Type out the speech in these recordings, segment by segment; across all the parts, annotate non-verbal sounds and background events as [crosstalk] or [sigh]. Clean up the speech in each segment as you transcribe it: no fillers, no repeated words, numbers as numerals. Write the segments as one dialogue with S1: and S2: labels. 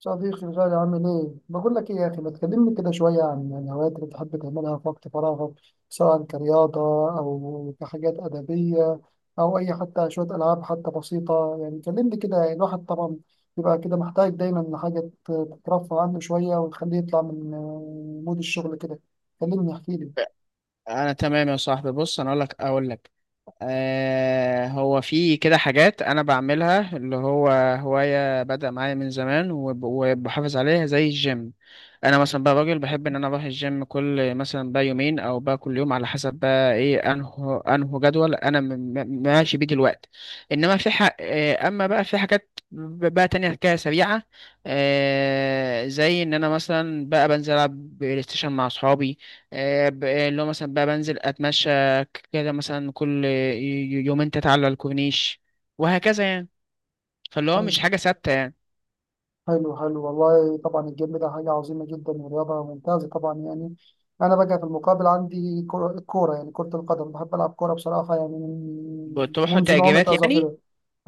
S1: صديقي الغالي عامل ايه؟ بقول لك ايه يا اخي ما تكلمني كده شويه عن الهوايات اللي بتحب تعملها في وقت فراغك، سواء كرياضه او كحاجات ادبيه او اي حتى شويه العاب حتى بسيطه. يعني كلمني كده. يعني الواحد طبعا بيبقى كده محتاج دايما لحاجه تترفه عنه شويه وتخليه يطلع من مود الشغل كده. كلمني احكي
S2: انا تمام يا صاحبي. بص، انا اقول لك هو في كده حاجات انا بعملها اللي هو هواية بدأ معايا من زمان وبحافظ عليها زي الجيم. انا مثلا بقى راجل بحب ان انا اروح الجيم كل مثلا بقى يومين او بقى كل يوم على حسب بقى ايه انه جدول انا ماشي بيه دلوقتي. انما في حق اما بقى في حاجات بقى تانية كده سريعة. زي ان انا مثلا بقى بنزل العب بلاي ستيشن مع اصحابي. اللي هو مثلا بقى بنزل اتمشى كده مثلا كل يومين تتعلى على الكورنيش وهكذا يعني، فاللي هو
S1: لي.
S2: مش حاجة ثابتة يعني.
S1: حلو حلو، والله طبعا الجيم ده حاجة عظيمة جدا ورياضة ممتازة طبعا يعني. أنا بقى في المقابل عندي كرة الكورة، يعني كرة القدم، بحب ألعب كورة بصراحة يعني من
S2: بتروحوا
S1: منذ نعومة
S2: تأجيرات يعني؟
S1: أظافري.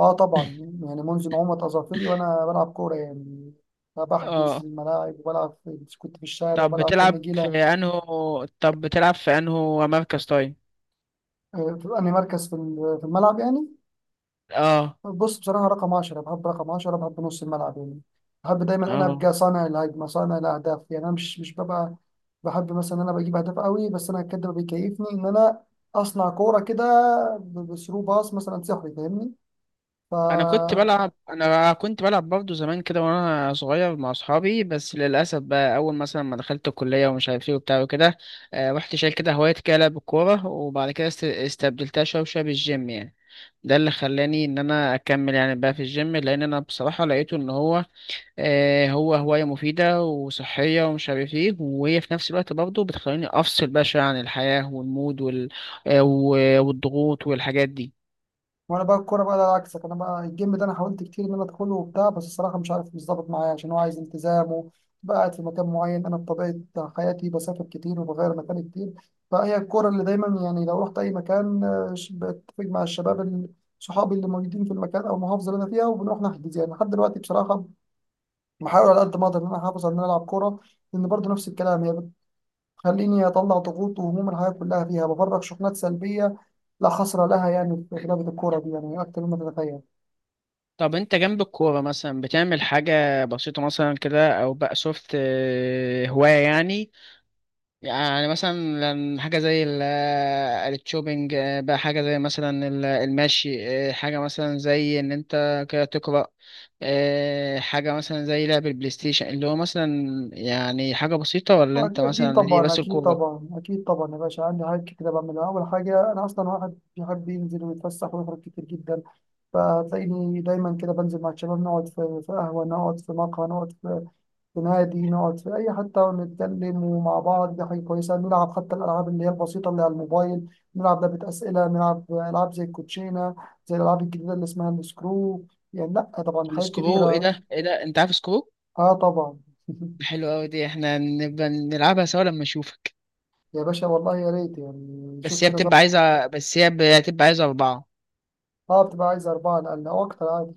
S1: أه طبعا، يعني منذ نعومة أظافري وأنا بلعب كورة يعني، بحجز
S2: اه.
S1: الملاعب وبلعب كنت في الشارع
S2: طب
S1: وبلعب في
S2: بتلعب في
S1: النجيلة.
S2: انه طب بتلعب في انه مركز؟ طيب.
S1: في أنهي مركز في في الملعب يعني؟
S2: اه.
S1: بص بصراحة رقم 10، بحب رقم 10، بحب نص الملعب يعني. بحب دايما أنا
S2: اه.
S1: أبقى صانع الهجمة، صانع الأهداف. يعني أنا مش ببقى بحب مثلا إن أنا بجيب أهداف قوي، بس أنا كده بيكيفني إن أنا أصنع كورة كده، بثرو باص مثلا سحري فاهمني. ف
S2: انا كنت بلعب برضه زمان كده وانا صغير مع اصحابي، بس للاسف بقى اول مثلا ما دخلت الكليه ومش عارف ايه وبتاع وكده، رحت شايل كده هوايه كده لعب الكوره، وبعد كده استبدلتها شويه شويه بالجيم يعني. ده اللي خلاني ان انا اكمل يعني بقى في الجيم، لان انا بصراحه لقيته ان هو هو هوايه مفيده وصحيه ومش عارف ايه، وهي في نفس الوقت برضه بتخليني افصل بقى شويه عن الحياه والمود والضغوط والحاجات دي.
S1: وانا بقى الكوره بقى ده عكسك. انا بقى الجيم ده انا حاولت كتير ان انا ادخله وبتاع، بس الصراحه مش عارف، مش ظابط معايا عشان هو عايز التزام وبقى قاعد في مكان معين. انا بطبيعه حياتي بسافر كتير وبغير مكان كتير، فهي الكوره اللي دايما يعني لو رحت اي مكان بتفق مع الشباب صحابي اللي موجودين في المكان او المحافظه اللي انا فيها، وبنروح نحجز. يعني لحد دلوقتي بصراحه بحاول على قد ما اقدر ان انا احافظ على ان انا العب كوره، لان برضه نفس الكلام هي بتخليني اطلع ضغوط وهموم الحياه كلها فيها، بفرغ شحنات سلبيه لا حصر لها يعني في لعبة الكورة دي، يعني أكتر مما تتخيل.
S2: طب انت جنب الكوره مثلا بتعمل حاجه بسيطه مثلا كده او بقى سوفت هوايه يعني؟ يعني مثلا، حاجة زي الشوبينج، بقى حاجة زي مثلا المشي، حاجة مثلا زي إن أنت كده تقرأ، حاجة مثلا زي لعب البلاي ستيشن اللي هو مثلا، يعني حاجة بسيطة، ولا أنت
S1: أكيد
S2: مثلا هي
S1: طبعا،
S2: بس
S1: أكيد
S2: الكورة؟
S1: طبعا، أكيد طبعا يا باشا. عندي حاجات كتير بعملها. أول حاجة أنا أصلا واحد بيحب ينزل ويتفسح ويخرج كتير جدا، فتلاقيني دايما كده بنزل مع الشباب نقعد في قهوة، نقعد في مقهى، نقعد في في نادي، نقعد في أي حتة ونتكلم ومع بعض. دي حاجة كويسة. نلعب حتى الألعاب اللي هي البسيطة اللي على الموبايل، نلعب لعبة أسئلة، نلعب ألعاب زي الكوتشينة، زي الألعاب الجديدة اللي اسمها السكرو. يعني لأ طبعا حاجات
S2: السكرو؟ إيه
S1: كتيرة.
S2: ده، إيه ده، أنت عارف سكرو؟
S1: آه طبعا. [laughs]
S2: حلو أوي، دي إحنا نبقى نلعبها سوا لما أشوفك.
S1: يا باشا والله يا ريت، يعني شوف كده.
S2: بس هي بتبقى عايزة أربعة.
S1: اه بتبقى عايز أربعة، لأقل أو أكتر عادي.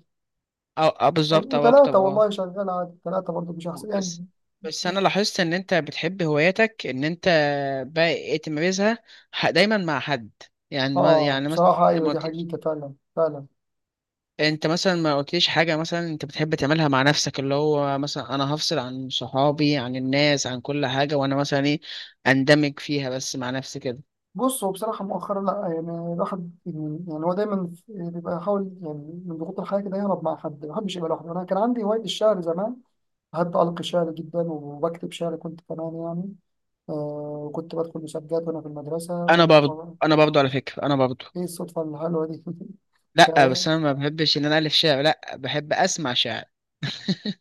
S2: أو
S1: أو
S2: بالظبط، أو أكتر.
S1: وتلاتة
S2: أه.
S1: والله شغال عادي، تلاتة برضه مش
S2: آه،
S1: أحسن
S2: بس
S1: يعني.
S2: بس انا لاحظت ان انت بتحب هواياتك، ان انت بقى إيه تمارسها، دايما مع حد، يعني
S1: اه
S2: يعني مثلا،
S1: بصراحة
S2: انت
S1: أيوة
S2: ما
S1: دي
S2: قلتليش
S1: حقيقة فعلا فعلا.
S2: انت مثلا ما قلتليش حاجه مثلا انت بتحب تعملها مع نفسك، اللي هو مثلا انا هفصل عن صحابي عن الناس عن كل حاجه وانا مثلا ايه، اندمج فيها بس مع نفسي كده.
S1: بص هو بصراحة مؤخرا لأ، الواحد يعني يعني هو دايما بيبقى يحاول يعني من ضغوط الحياة كده يهرب مع حد، ما بحبش يبقى لوحده. أنا كان عندي هواية الشعر زمان، بحب ألقي شعر جدا، وبكتب شعر كنت كمان يعني. آه. وكنت بدخل مسابقات وأنا في المدرسة
S2: انا برضه
S1: و...
S2: انا برضه على فكره انا برضه.
S1: إيه الصدفة الحلوة دي! [laughs]
S2: لا،
S1: ده-
S2: بس انا ما بحبش ان انا الف شعر، لا بحب اسمع شعر.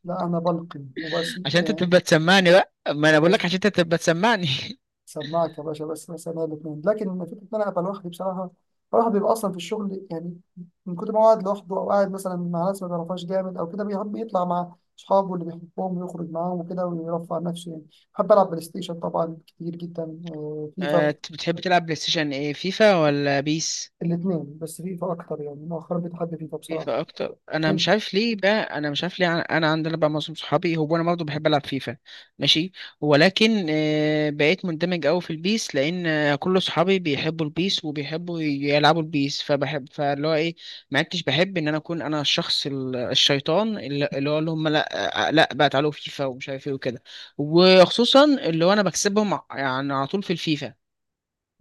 S1: لا أنا بلقي وبس
S2: [laughs] عشان انت
S1: يعني.
S2: تبقى تسمعني بقى، ما
S1: يا
S2: انا بقول
S1: باشا
S2: لك عشان انت تبقى تسمعني. [laughs]
S1: سماعك يا باشا بس، مثلا الاثنين. لكن لما فكره ان انا ابقى لوحدي بصراحه، الواحد بيبقى اصلا في الشغل يعني من كتر ما هو قاعد لوحده، او قاعد مثلا مع ناس ما بيعرفهاش جامد او كده، بيحب يطلع مع اصحابه اللي بيحبهم ويخرج معاهم وكده ويرفع عن نفسه يعني. بحب العب بلاي ستيشن طبعا كتير جدا، فيفا.
S2: بتحب تلعب بلاي ستيشن ايه، فيفا ولا بيس؟
S1: الاثنين، بس فيفا اكتر يعني مؤخرا، بتحب فيفا بصراحه
S2: فيفا اكتر.
S1: انت.
S2: انا مش عارف ليه، انا عندنا بقى معظم صحابي هو، انا برضه بحب العب فيفا. ماشي. ولكن بقيت مندمج قوي في البيس لان كل صحابي بيحبوا البيس وبيحبوا يلعبوا البيس، فاللي هو ايه، ما عدتش بحب ان انا اكون انا الشخص الشيطان، اللي هو اللي هم، لا لا بقى تعالوا فيفا ومش عارف ايه وكده، وخصوصا اللي هو انا بكسبهم يعني على طول في الفيفا.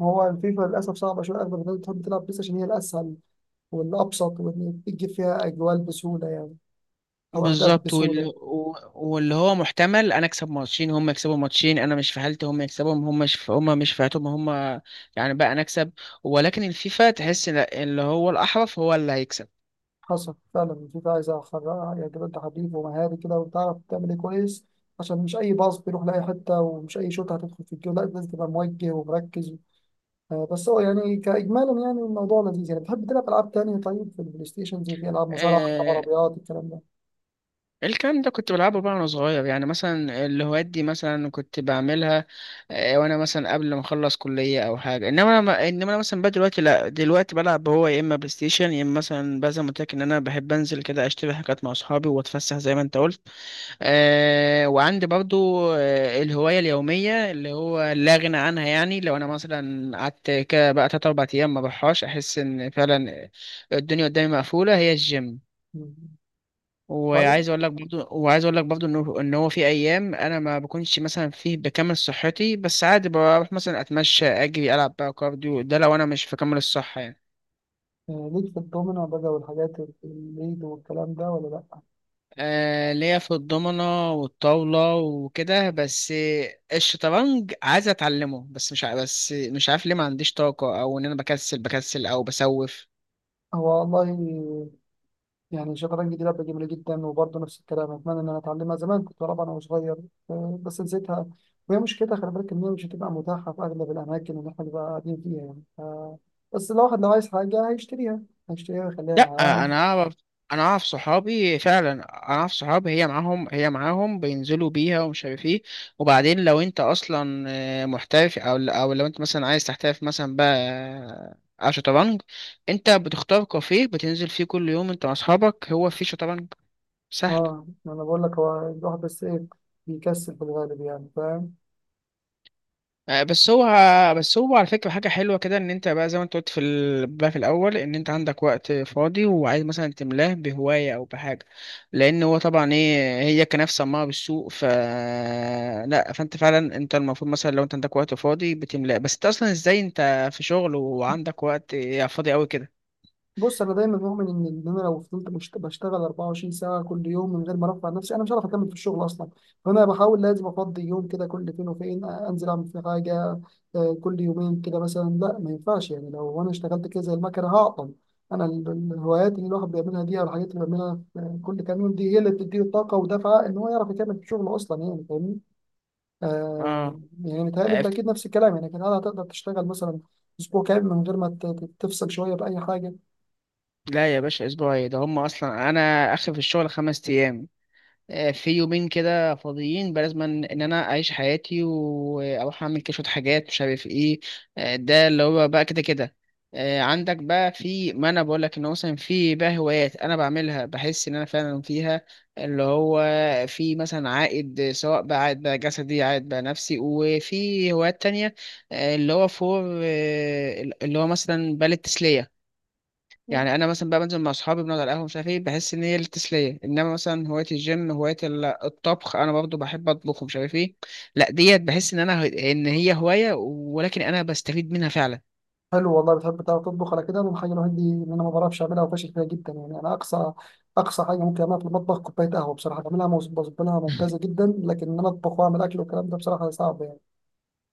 S1: هو فيفا للاسف صعبه شويه، اغلب الناس بتحب تلعب بلاي ستيشن هي الاسهل والابسط، واللي بتجيب فيها اجوال بسهوله يعني، او اهداف
S2: بالظبط،
S1: بسهوله.
S2: واللي هو محتمل انا اكسب ماتشين هم يكسبوا ماتشين، انا مش في حالتي، هم يكسبهم هم مش في حالتهم هم، يعني بقى انا اكسب. ولكن الفيفا تحس إن اللي هو الاحرف هو اللي هيكسب.
S1: حصل فعلا. الفيفا عايزة أخرجها يجب أنت حريف ومهاري كده وتعرف تعمل إيه كويس، عشان مش أي باص بيروح لأي حتة، ومش أي شوط هتدخل في الجول، لا لازم تبقى موجه ومركز. بس هو يعني كإجمالا يعني الموضوع لذيذ يعني. بتحب تلعب ألعاب تانية طيب في البلاي ستيشن، زي في ألعاب مصارعة، ألعاب
S2: آه
S1: عربيات، الكلام ده؟
S2: الكلام ده كنت بلعبه بقى وانا صغير، يعني مثلا الهوايات دي مثلا كنت بعملها، وانا مثلا قبل ما اخلص كلية او حاجة، انما انا مثلا بقى دلوقتي، لا دلوقتي بلعب هو يا اما بلاي ستيشن يا اما مثلا بقى زي ما قلت لك ان انا بحب انزل كده اشتري حاجات مع اصحابي واتفسح زي ما انت قلت. وعندي برضو الهواية اليومية اللي هو لا غنى عنها، يعني لو أنا مثلا قعدت كده بقى تلات أربع أيام ما بروحهاش أحس إن فعلا الدنيا قدامي مقفولة، هي الجيم.
S1: مم. طيب،
S2: وعايز أقول لك برضو إنه، إن هو في أيام أنا ما بكونش مثلا فيه بكامل صحتي، بس عادي بروح مثلا أتمشى أجري ألعب بقى كارديو، ده لو أنا مش في كامل الصحة يعني.
S1: ليك في الدومينو بقى والحاجات الليد والكلام ده ولا لأ؟
S2: ليا في الضمنة والطاولة وكده بس. الشطرنج عايز اتعلمه، بس مش ع- بس مش عارف ليه، ما عنديش طاقة، او ان انا بكسل او بسوف.
S1: هو والله يعني الشطرنج دي لعبة جميلة جدا، وبرضه نفس الكلام أتمنى إن أنا أتعلمها. زمان كنت بلعبها وأنا صغير، بس نسيتها. وهي مشكلتها خلي بالك إن هي مش هتبقى متاحة في أغلب الأماكن اللي إحنا بنبقى قاعدين فيها يعني. بس الواحد لو عايز حاجة هيشتريها، هيشتريها ويخليها
S2: لا،
S1: معاه.
S2: انا اعرف انا اعرف صحابي، هي معاهم بينزلوا بيها ومش عارف ايه، وبعدين لو انت اصلا محترف او لو انت مثلا عايز تحترف مثلا بقى على شطرنج، انت بتختار كافيه بتنزل فيه كل يوم انت واصحابك هو فيه شطرنج.
S1: اه
S2: سهلة.
S1: ما انا بقول لك هو الواحد بس ايه، بيكسل في الغالب يعني فاهم.
S2: آه، بس هو بس هو على فكرة حاجة حلوة كده، ان انت بقى زي ما انت قلت في بقى في الاول ان انت عندك وقت فاضي وعايز مثلا تملاه بهواية او بحاجة، لان هو طبعا ايه هي كناف سماعة بالسوق، لا فانت فعلا انت المفروض مثلا لو انت عندك وقت فاضي بتملاه، بس انت اصلا ازاي انت في شغل وعندك وقت فاضي قوي كده؟
S1: بص انا دايما مؤمن ان إن انا لو فضلت بشتغل 24 ساعه كل يوم من غير ما ارفع نفسي، انا مش هعرف اكمل في الشغل اصلا. فانا بحاول لازم افضي يوم كده كل فين وفين، انزل اعمل في حاجه، كل يومين كده مثلا. لا ما ينفعش يعني، لو انا اشتغلت كده زي المكنه هعطل. انا الهوايات اللي الواحد بيعملها دي، او الحاجات اللي بيعملها في كل كام يوم دي، هي اللي بتديله الطاقه ودفعه ان هو يعرف يكمل في شغله اصلا، يعني فاهمني. آه.
S2: اه.
S1: يعني متهيألي انت
S2: أف-
S1: اكيد نفس الكلام، يعني كان هتقدر تشتغل مثلا اسبوع كامل من غير ما تفصل شويه باي حاجه؟
S2: لا يا باشا، اسبوعي ده هم اصلا انا اخر في الشغل خمس ايام، في يومين كده فاضيين بلازم ان انا اعيش حياتي واروح اعمل كده شويه حاجات مش عارف ايه. ده اللي هو بقى كده كده. عندك بقى في، ما انا بقول لك ان هو مثلا في بقى هوايات انا بعملها بحس ان انا فعلا فيها، اللي هو في مثلا عائد سواء بقى عائد بقى جسدي عائد بقى نفسي، وفي هوايات تانية اللي هو مثلا بالة تسلية. يعني انا مثلا بقى بنزل مع اصحابي بنقعد على القهوه مش عارف ايه، بحس ان هي التسليه، انما مثلا هوايه الجيم، هوايه الطبخ، انا برضو بحب اطبخ ومش عارف ايه، لا ديت بحس ان انا ان هي هوايه، ولكن انا بستفيد منها فعلا.
S1: حلو والله، بتحب تعرف تطبخ. على كده انا الحاجه الوحيده دي ان انا ما بعرفش اعملها وفاشل فيها جدا يعني. انا اقصى اقصى حاجه ممكن اعملها في المطبخ كوبايه قهوه بصراحه، بعملها بظبطها ممتازه جدا، لكن ان انا اطبخ واعمل اكل والكلام ده بصراحه صعب يعني.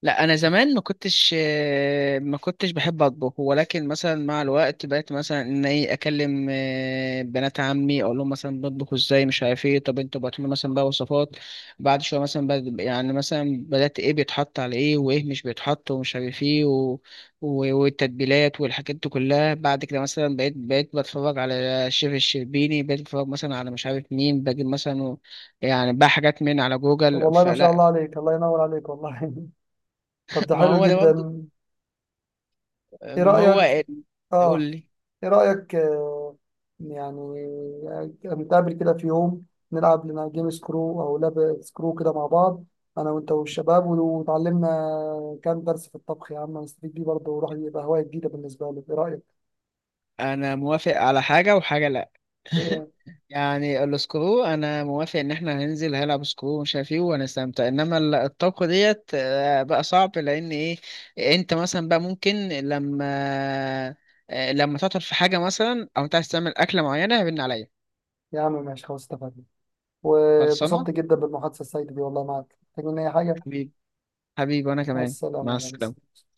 S2: لا، انا زمان ما كنتش بحب اطبخ، ولكن مثلا مع الوقت بقيت مثلا ان ايه، اكلم بنات عمي اقول لهم مثلا بطبخوا ازاي مش عارف ايه، طب انتوا بعتوا لي مثلا بقى وصفات، بعد شويه مثلا يعني مثلا بدات ايه بيتحط على ايه وايه مش بيتحط ومش عارف ايه والتتبيلات والحاجات دي كلها، بعد كده مثلا بقيت بتفرج على الشيف الشربيني، بقيت بتفرج مثلا على مش عارف مين، بجيب مثلا يعني بقى حاجات من على
S1: طب
S2: جوجل
S1: والله ما شاء
S2: فلا.
S1: الله
S2: [laughs]
S1: عليك، الله ينور عليك والله. [laughs] طب ده
S2: ما
S1: حلو
S2: هو ده برضه،
S1: جدا. ايه
S2: ما هو
S1: رايك؟
S2: ال- يقول
S1: اه
S2: لي.
S1: ايه رأيك، يعني نتقابل كده في يوم، نلعب لنا جيم سكرو او لاب سكرو كده مع بعض، انا وانت والشباب، وتعلمنا كام درس في الطبخ يا عم، نستفيد بيه برضه وراح يبقى هواية جديدة بالنسبة لك. ايه رأيك؟
S2: انا موافق على حاجة وحاجة لا. [laughs]
S1: ايه
S2: يعني السكرو انا موافق ان احنا هننزل هنلعب سكرو ومش عارف ايه وهنستمتع، انما الطبخ ديت بقى صعب لان ايه، انت مثلا بقى ممكن لما لما تعطل في حاجة مثلا او انت عايز تعمل اكلة معينة هيبن عليا.
S1: يا عم ماشي خلاص اتفقنا.
S2: خلصانة
S1: واتبسطت جدا بالمحادثة السعيدة دي والله. معاك محتاج مني اي حاجة.
S2: حبيبي. حبيبي وانا
S1: مع
S2: كمان. مع
S1: السلامة يا
S2: السلامة.
S1: ريس.